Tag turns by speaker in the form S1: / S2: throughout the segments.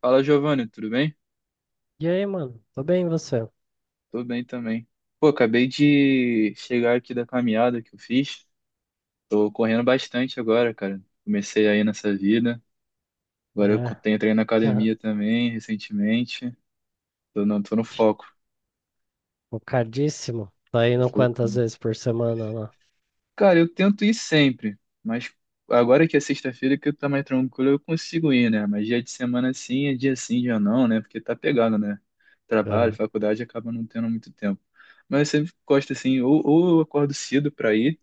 S1: Fala, Giovanni, tudo bem?
S2: E aí, mano? Tô bem, e você?
S1: Tô bem também. Pô, acabei de chegar aqui da caminhada que eu fiz. Tô correndo bastante agora, cara. Comecei aí nessa vida. Agora
S2: É.
S1: tenho treino na academia também, recentemente. Tô, não, tô no foco.
S2: Focadíssimo. Tá
S1: Tô
S2: indo quantas
S1: focando.
S2: vezes por semana lá?
S1: Cara, eu tento ir sempre, mas agora que é sexta-feira que eu tô mais tranquilo, eu consigo ir, né? Mas dia de semana sim, é dia sim, dia não, né? Porque tá pegado, né? Trabalho,
S2: Aham.
S1: faculdade, acaba não tendo muito tempo. Mas eu sempre gosto assim, ou eu acordo cedo pra ir.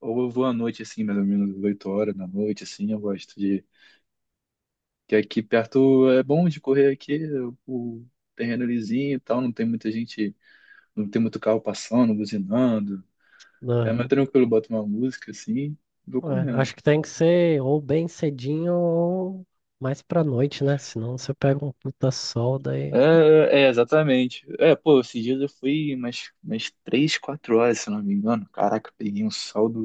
S1: Ou eu vou à noite, assim, mais ou menos 8 horas da noite, assim, eu gosto de. Que aqui perto é bom de correr aqui, o terreno é lisinho e tal, não tem muita gente, não tem muito carro passando, buzinando. É mais
S2: Aham.
S1: tranquilo, boto uma música assim, e vou
S2: Ué,
S1: correndo.
S2: acho que tem que ser ou bem cedinho ou mais pra noite, né? Senão você pega um puta sol daí.
S1: É, é, é, exatamente. É, pô, esses dias eu fui umas 3 4 horas, se não me engano. Caraca, eu peguei um saldo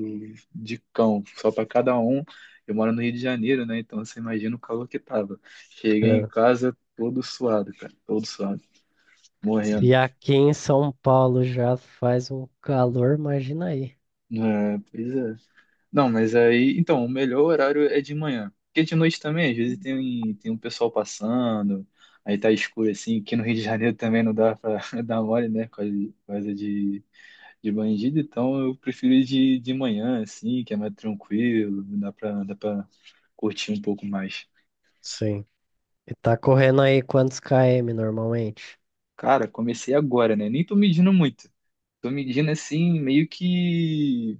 S1: de cão, só pra cada um. Eu moro no Rio de Janeiro, né? Então você imagina o calor que tava. Cheguei em
S2: É.
S1: casa todo suado, cara, todo suado, morrendo.
S2: E aqui em São Paulo já faz um calor, imagina aí.
S1: É, pois é. Não, mas aí, então, o melhor horário é de manhã. Porque de noite também, às vezes tem um pessoal passando, aí tá escuro assim, que no Rio de Janeiro também não dá pra dar mole, né? Coisa de bandido, então eu prefiro ir de manhã, assim, que é mais tranquilo, dá pra curtir um pouco mais.
S2: Sim. E tá correndo aí quantos km normalmente?
S1: Cara, comecei agora, né? Nem tô medindo muito. Tô medindo assim, meio que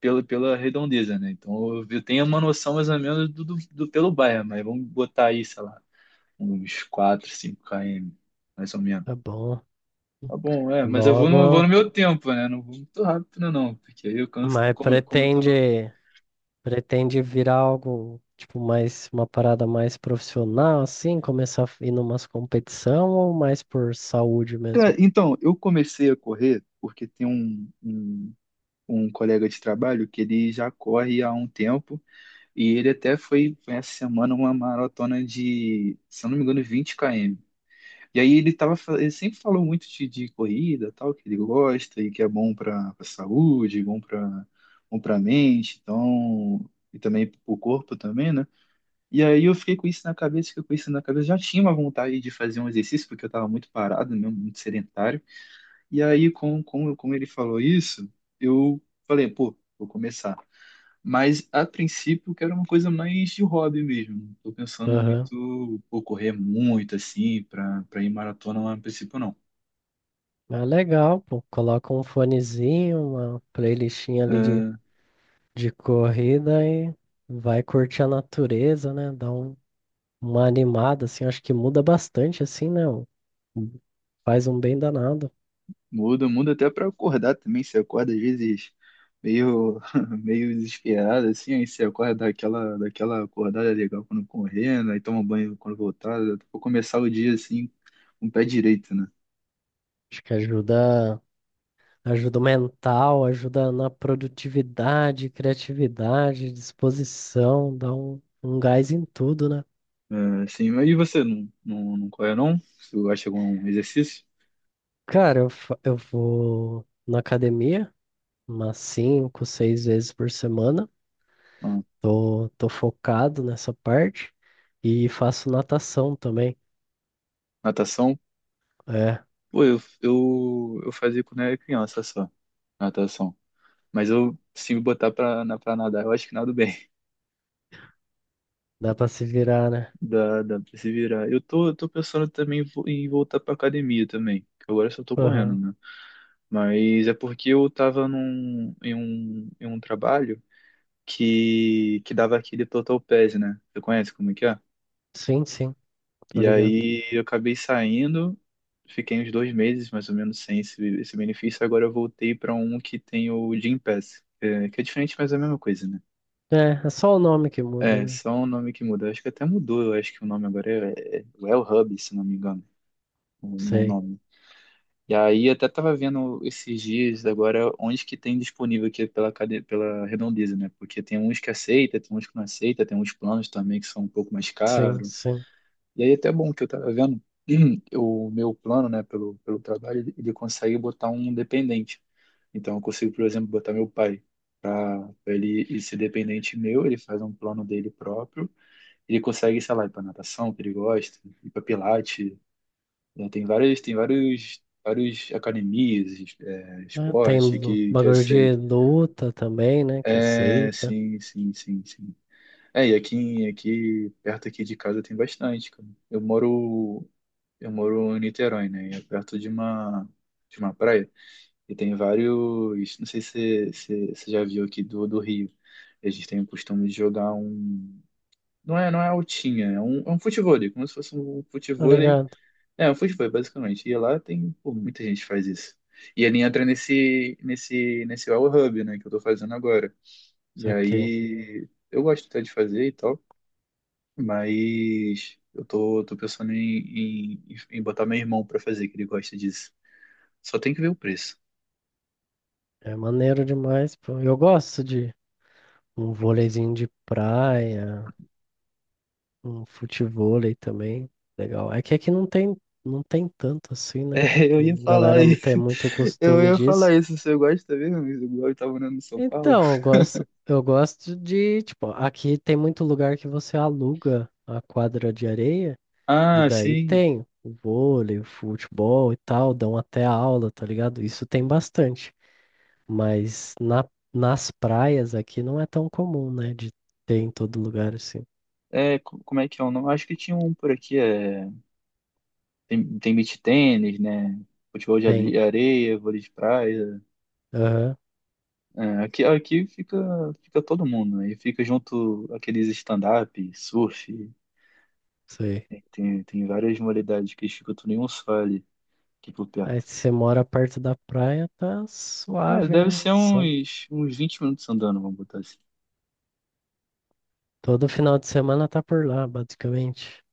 S1: pela redondeza, né? Então eu tenho uma noção mais ou menos pelo bairro, mas vamos botar aí, sei lá, uns 4 5 km, mais ou menos.
S2: Tá bom.
S1: Tá bom, é, mas eu vou no, vou
S2: Logo,
S1: no meu tempo, né? Não vou muito rápido, não, porque aí eu canso,
S2: mas
S1: como eu tô no.
S2: pretende. Pretende virar algo, tipo, mais uma parada mais profissional, assim, começar a ir numas competição ou mais por saúde mesmo?
S1: Cara, então, eu comecei a correr porque tem um colega de trabalho que ele já corre há um tempo e ele até foi essa semana uma maratona de, se eu não me engano, 20 km. E aí ele tava, ele sempre falou muito de corrida, tal, que ele gosta e que é bom para a saúde, bom para bom para mente, então, e também para o corpo também, né? E aí eu fiquei com isso na cabeça, fiquei com isso na cabeça, já tinha uma vontade de fazer um exercício porque eu estava muito parado, né, muito sedentário. E aí, como ele falou isso, eu falei, pô, vou começar. Mas, a princípio, eu quero uma coisa mais de hobby mesmo. Tô pensando
S2: Aham.
S1: muito, pô, correr muito, assim, pra, pra ir maratona, mas a princípio não.
S2: Ah, legal, pô. Coloca um fonezinho, uma playlistinha ali
S1: Ah,
S2: de corrida e vai curtir a natureza, né? Dá um, uma animada, assim, acho que muda bastante, assim, né? Um- Faz um bem danado.
S1: muda até pra acordar também. Você acorda, às vezes, meio, meio desesperado, assim, aí você acorda daquela acordada legal quando correndo, aí toma banho quando voltar. Eu vou começar o dia, assim, com o pé direito, né?
S2: Acho que ajuda. Ajuda mental, ajuda na produtividade, criatividade, disposição, dá um, um gás em tudo, né?
S1: É, sim, mas e você não corre não? Você acha algum exercício?
S2: Cara, eu vou na academia umas cinco, seis vezes por semana.
S1: Ah,
S2: Tô focado nessa parte e faço natação também.
S1: natação?
S2: É,
S1: Pô, eu fazia quando era criança só, natação. Mas eu, se me botar pra nadar, eu acho que nado bem.
S2: dá pra se virar, né?
S1: Dá pra se virar. Eu tô pensando também em voltar pra academia também. Que agora eu só tô correndo,
S2: Aham.
S1: né? Mas é porque eu tava em um trabalho que dava aquele total pass, né? Você conhece como é que é?
S2: Sim, sim, tô
S1: E
S2: ligado.
S1: aí eu acabei saindo, fiquei uns 2 meses mais ou menos sem esse benefício. Agora eu voltei para um que tem o Gym Pass, que é diferente, mas é a mesma coisa, né?
S2: É, é só o nome que muda,
S1: É,
S2: né?
S1: só o nome que muda. Acho que até mudou, eu acho que o nome agora é Well Hub, se não me engano, o, o
S2: Sei.
S1: nome. E aí até tava vendo esses dias agora onde que tem disponível aqui pela, pela redondeza, né? Porque tem uns que aceita, tem uns que não aceita, tem uns planos também que são um pouco mais
S2: Sim,
S1: caros.
S2: sim.
S1: E aí é até bom que eu tava vendo, o meu plano, né, pelo trabalho, ele consegue botar um dependente. Então eu consigo, por exemplo, botar meu pai para ele ir ser dependente meu, ele faz um plano dele próprio, ele consegue, sei lá, ir para natação, que ele gosta, ir para pilates, né, tem várias, tem vários academias,
S2: Né? Tem
S1: esporte
S2: lu-
S1: que
S2: bagulho de
S1: aceita.
S2: luta também, né? Que
S1: É,
S2: aceita.
S1: sim, sim, sim, sim. É, e perto aqui de casa tem bastante, cara. Eu moro em Niterói, né? E é perto de uma praia. E tem vários, não sei se você já viu aqui do Rio. A gente tem o costume de jogar um, não é altinha, é um futevôlei, como se fosse um
S2: Tá
S1: futevôlei.
S2: ligado?
S1: É, um futevôlei, basicamente. E lá tem, pô, muita gente faz isso. E ele entra nesse Well Hub, né, que eu tô fazendo agora. E
S2: Isso aqui
S1: aí, eu gosto até de fazer e tal. Mas eu tô, tô pensando em botar meu irmão pra fazer, que ele gosta disso. Só tem que ver o preço.
S2: é maneiro demais, pô. Eu gosto de um vôleizinho de praia, um futevôlei também. Legal. É que aqui não tem tanto assim, né?
S1: É, eu ia falar
S2: Galera não
S1: isso.
S2: tem muito
S1: Eu
S2: costume
S1: ia falar
S2: disso.
S1: isso. Você gosta mesmo? Igual eu tava morando em São Paulo.
S2: Então, eu gosto de, tipo, aqui tem muito lugar que você aluga a quadra de areia. E
S1: Ah,
S2: daí
S1: sim.
S2: tem o vôlei, o futebol e tal, dão até aula, tá ligado? Isso tem bastante. Mas nas praias aqui não é tão comum, né? De ter em todo lugar assim.
S1: É, como é que é o nome? Acho que tinha um por aqui. É... Tem, tem beach tênis, né? Futebol de
S2: Tem.
S1: areia, vôlei de praia.
S2: Aham,
S1: É, aqui fica, todo mundo. Aí fica junto aqueles stand-up, surf.
S2: sei.
S1: Tem, tem, tem várias modalidades que eles ficam tudo em um só ali, aqui por
S2: Aí
S1: perto.
S2: se você mora perto da praia, tá
S1: É,
S2: suave,
S1: deve
S2: né?
S1: ser
S2: Só
S1: uns 20 minutos andando, vamos botar assim.
S2: todo final de semana tá por lá, basicamente.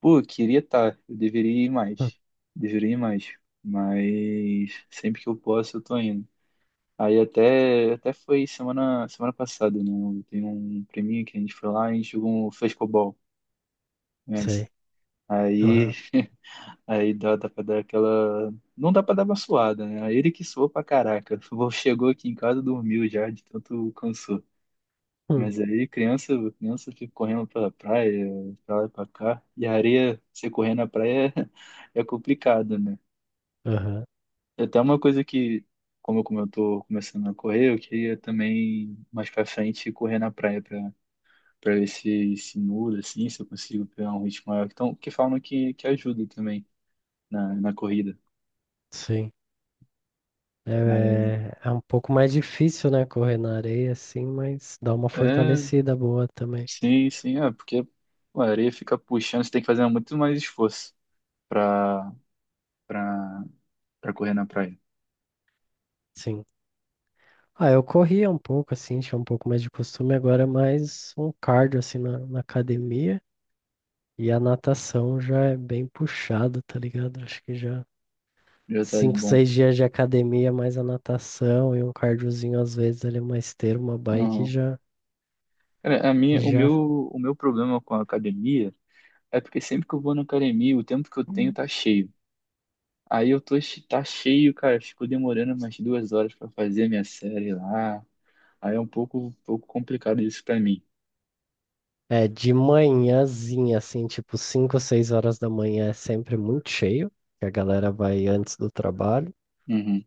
S1: Pô, eu queria estar, eu deveria ir
S2: Hum,
S1: mais. Deveria ir mais. Mas sempre que eu posso, eu tô indo. Aí até foi semana passada, né? Tem um prêmio que a gente foi lá e a gente jogou um frescobol, conhece?
S2: sei.
S1: Aí,
S2: Aham.
S1: aí dá pra dar aquela. Não dá pra dar uma suada, né? Ele que suou pra caraca. Chegou aqui em casa, dormiu já, de tanto cansou.
S2: Hum,
S1: Mas aí criança fica correndo pela praia, pra lá e pra cá. E a areia, você correr na praia é, é complicado, né?
S2: aham.
S1: É até uma coisa que, como eu, tô começando a correr, eu queria também mais pra frente correr na praia pra, pra ver se, muda, assim, se eu consigo pegar um ritmo maior. Então, que falam que ajuda também na corrida.
S2: Sim.
S1: Mas,
S2: É, é um pouco mais difícil, né, correr na areia, assim, mas dá uma
S1: é,
S2: fortalecida boa também.
S1: sim, sim, é, porque pô, a areia fica puxando, você tem que fazer muito mais esforço pra, pra, pra correr na praia.
S2: Sim. Ah, eu corria um pouco, assim, tinha um pouco mais de costume, agora é mais um cardio, assim, na academia. E a natação já é bem puxado, tá ligado? Acho que já
S1: Já tá de
S2: cinco,
S1: bom.
S2: seis dias de academia, mais a natação e um cardiozinho, às vezes, ali, uma esteira, uma bike,
S1: Aham.
S2: já,
S1: Cara, a minha, o
S2: já.
S1: meu, o meu problema com a academia é porque sempre que eu vou na academia, o tempo que eu tenho tá cheio. Aí eu tô, tá cheio, cara, fico demorando umas 2 horas pra fazer minha série lá. Aí é um pouco complicado isso pra mim.
S2: É, de manhãzinha, assim, tipo 5 ou 6 horas da manhã é sempre muito cheio, que a galera vai antes do trabalho,
S1: Uhum.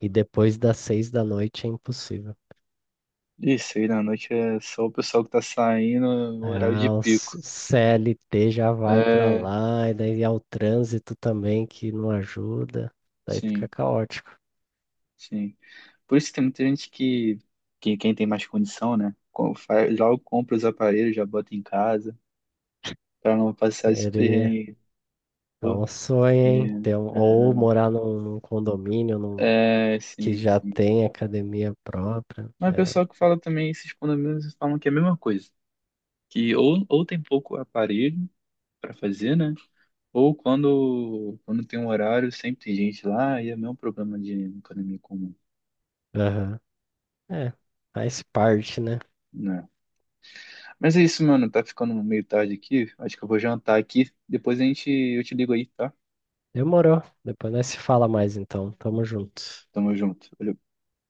S2: e depois das 6 da noite é impossível.
S1: Isso, aí na noite é só o pessoal que tá saindo no horário de
S2: Ah, o
S1: pico.
S2: s- CLT já vai pra
S1: É,
S2: lá, e daí é o trânsito também que não ajuda, daí fica
S1: sim,
S2: caótico.
S1: sim. Por isso que tem muita gente que quem tem mais condição, né? Logo compra os aparelhos, já bota em casa, para não passar esse
S2: Querer
S1: perrengue.
S2: é um
S1: Porque,
S2: sonho, hein?
S1: sim,
S2: Ter um- ou morar num, num condomínio num-
S1: é, é,
S2: que
S1: sim,
S2: já
S1: sim.
S2: tem academia própria.
S1: Mas o
S2: É,
S1: pessoal que fala também, esses condomínios falam que é a mesma coisa. Que ou tem pouco aparelho para fazer, né? Ou quando tem um horário, sempre tem gente lá e é o mesmo problema de economia comum.
S2: aham. É, faz parte, né?
S1: Né? Mas é isso, mano. Tá ficando meio tarde aqui. Acho que eu vou jantar aqui. Depois a gente, eu te ligo aí, tá?
S2: Demorou. Depois nós se fala mais então. Tamo junto.
S1: Tamo junto. Valeu.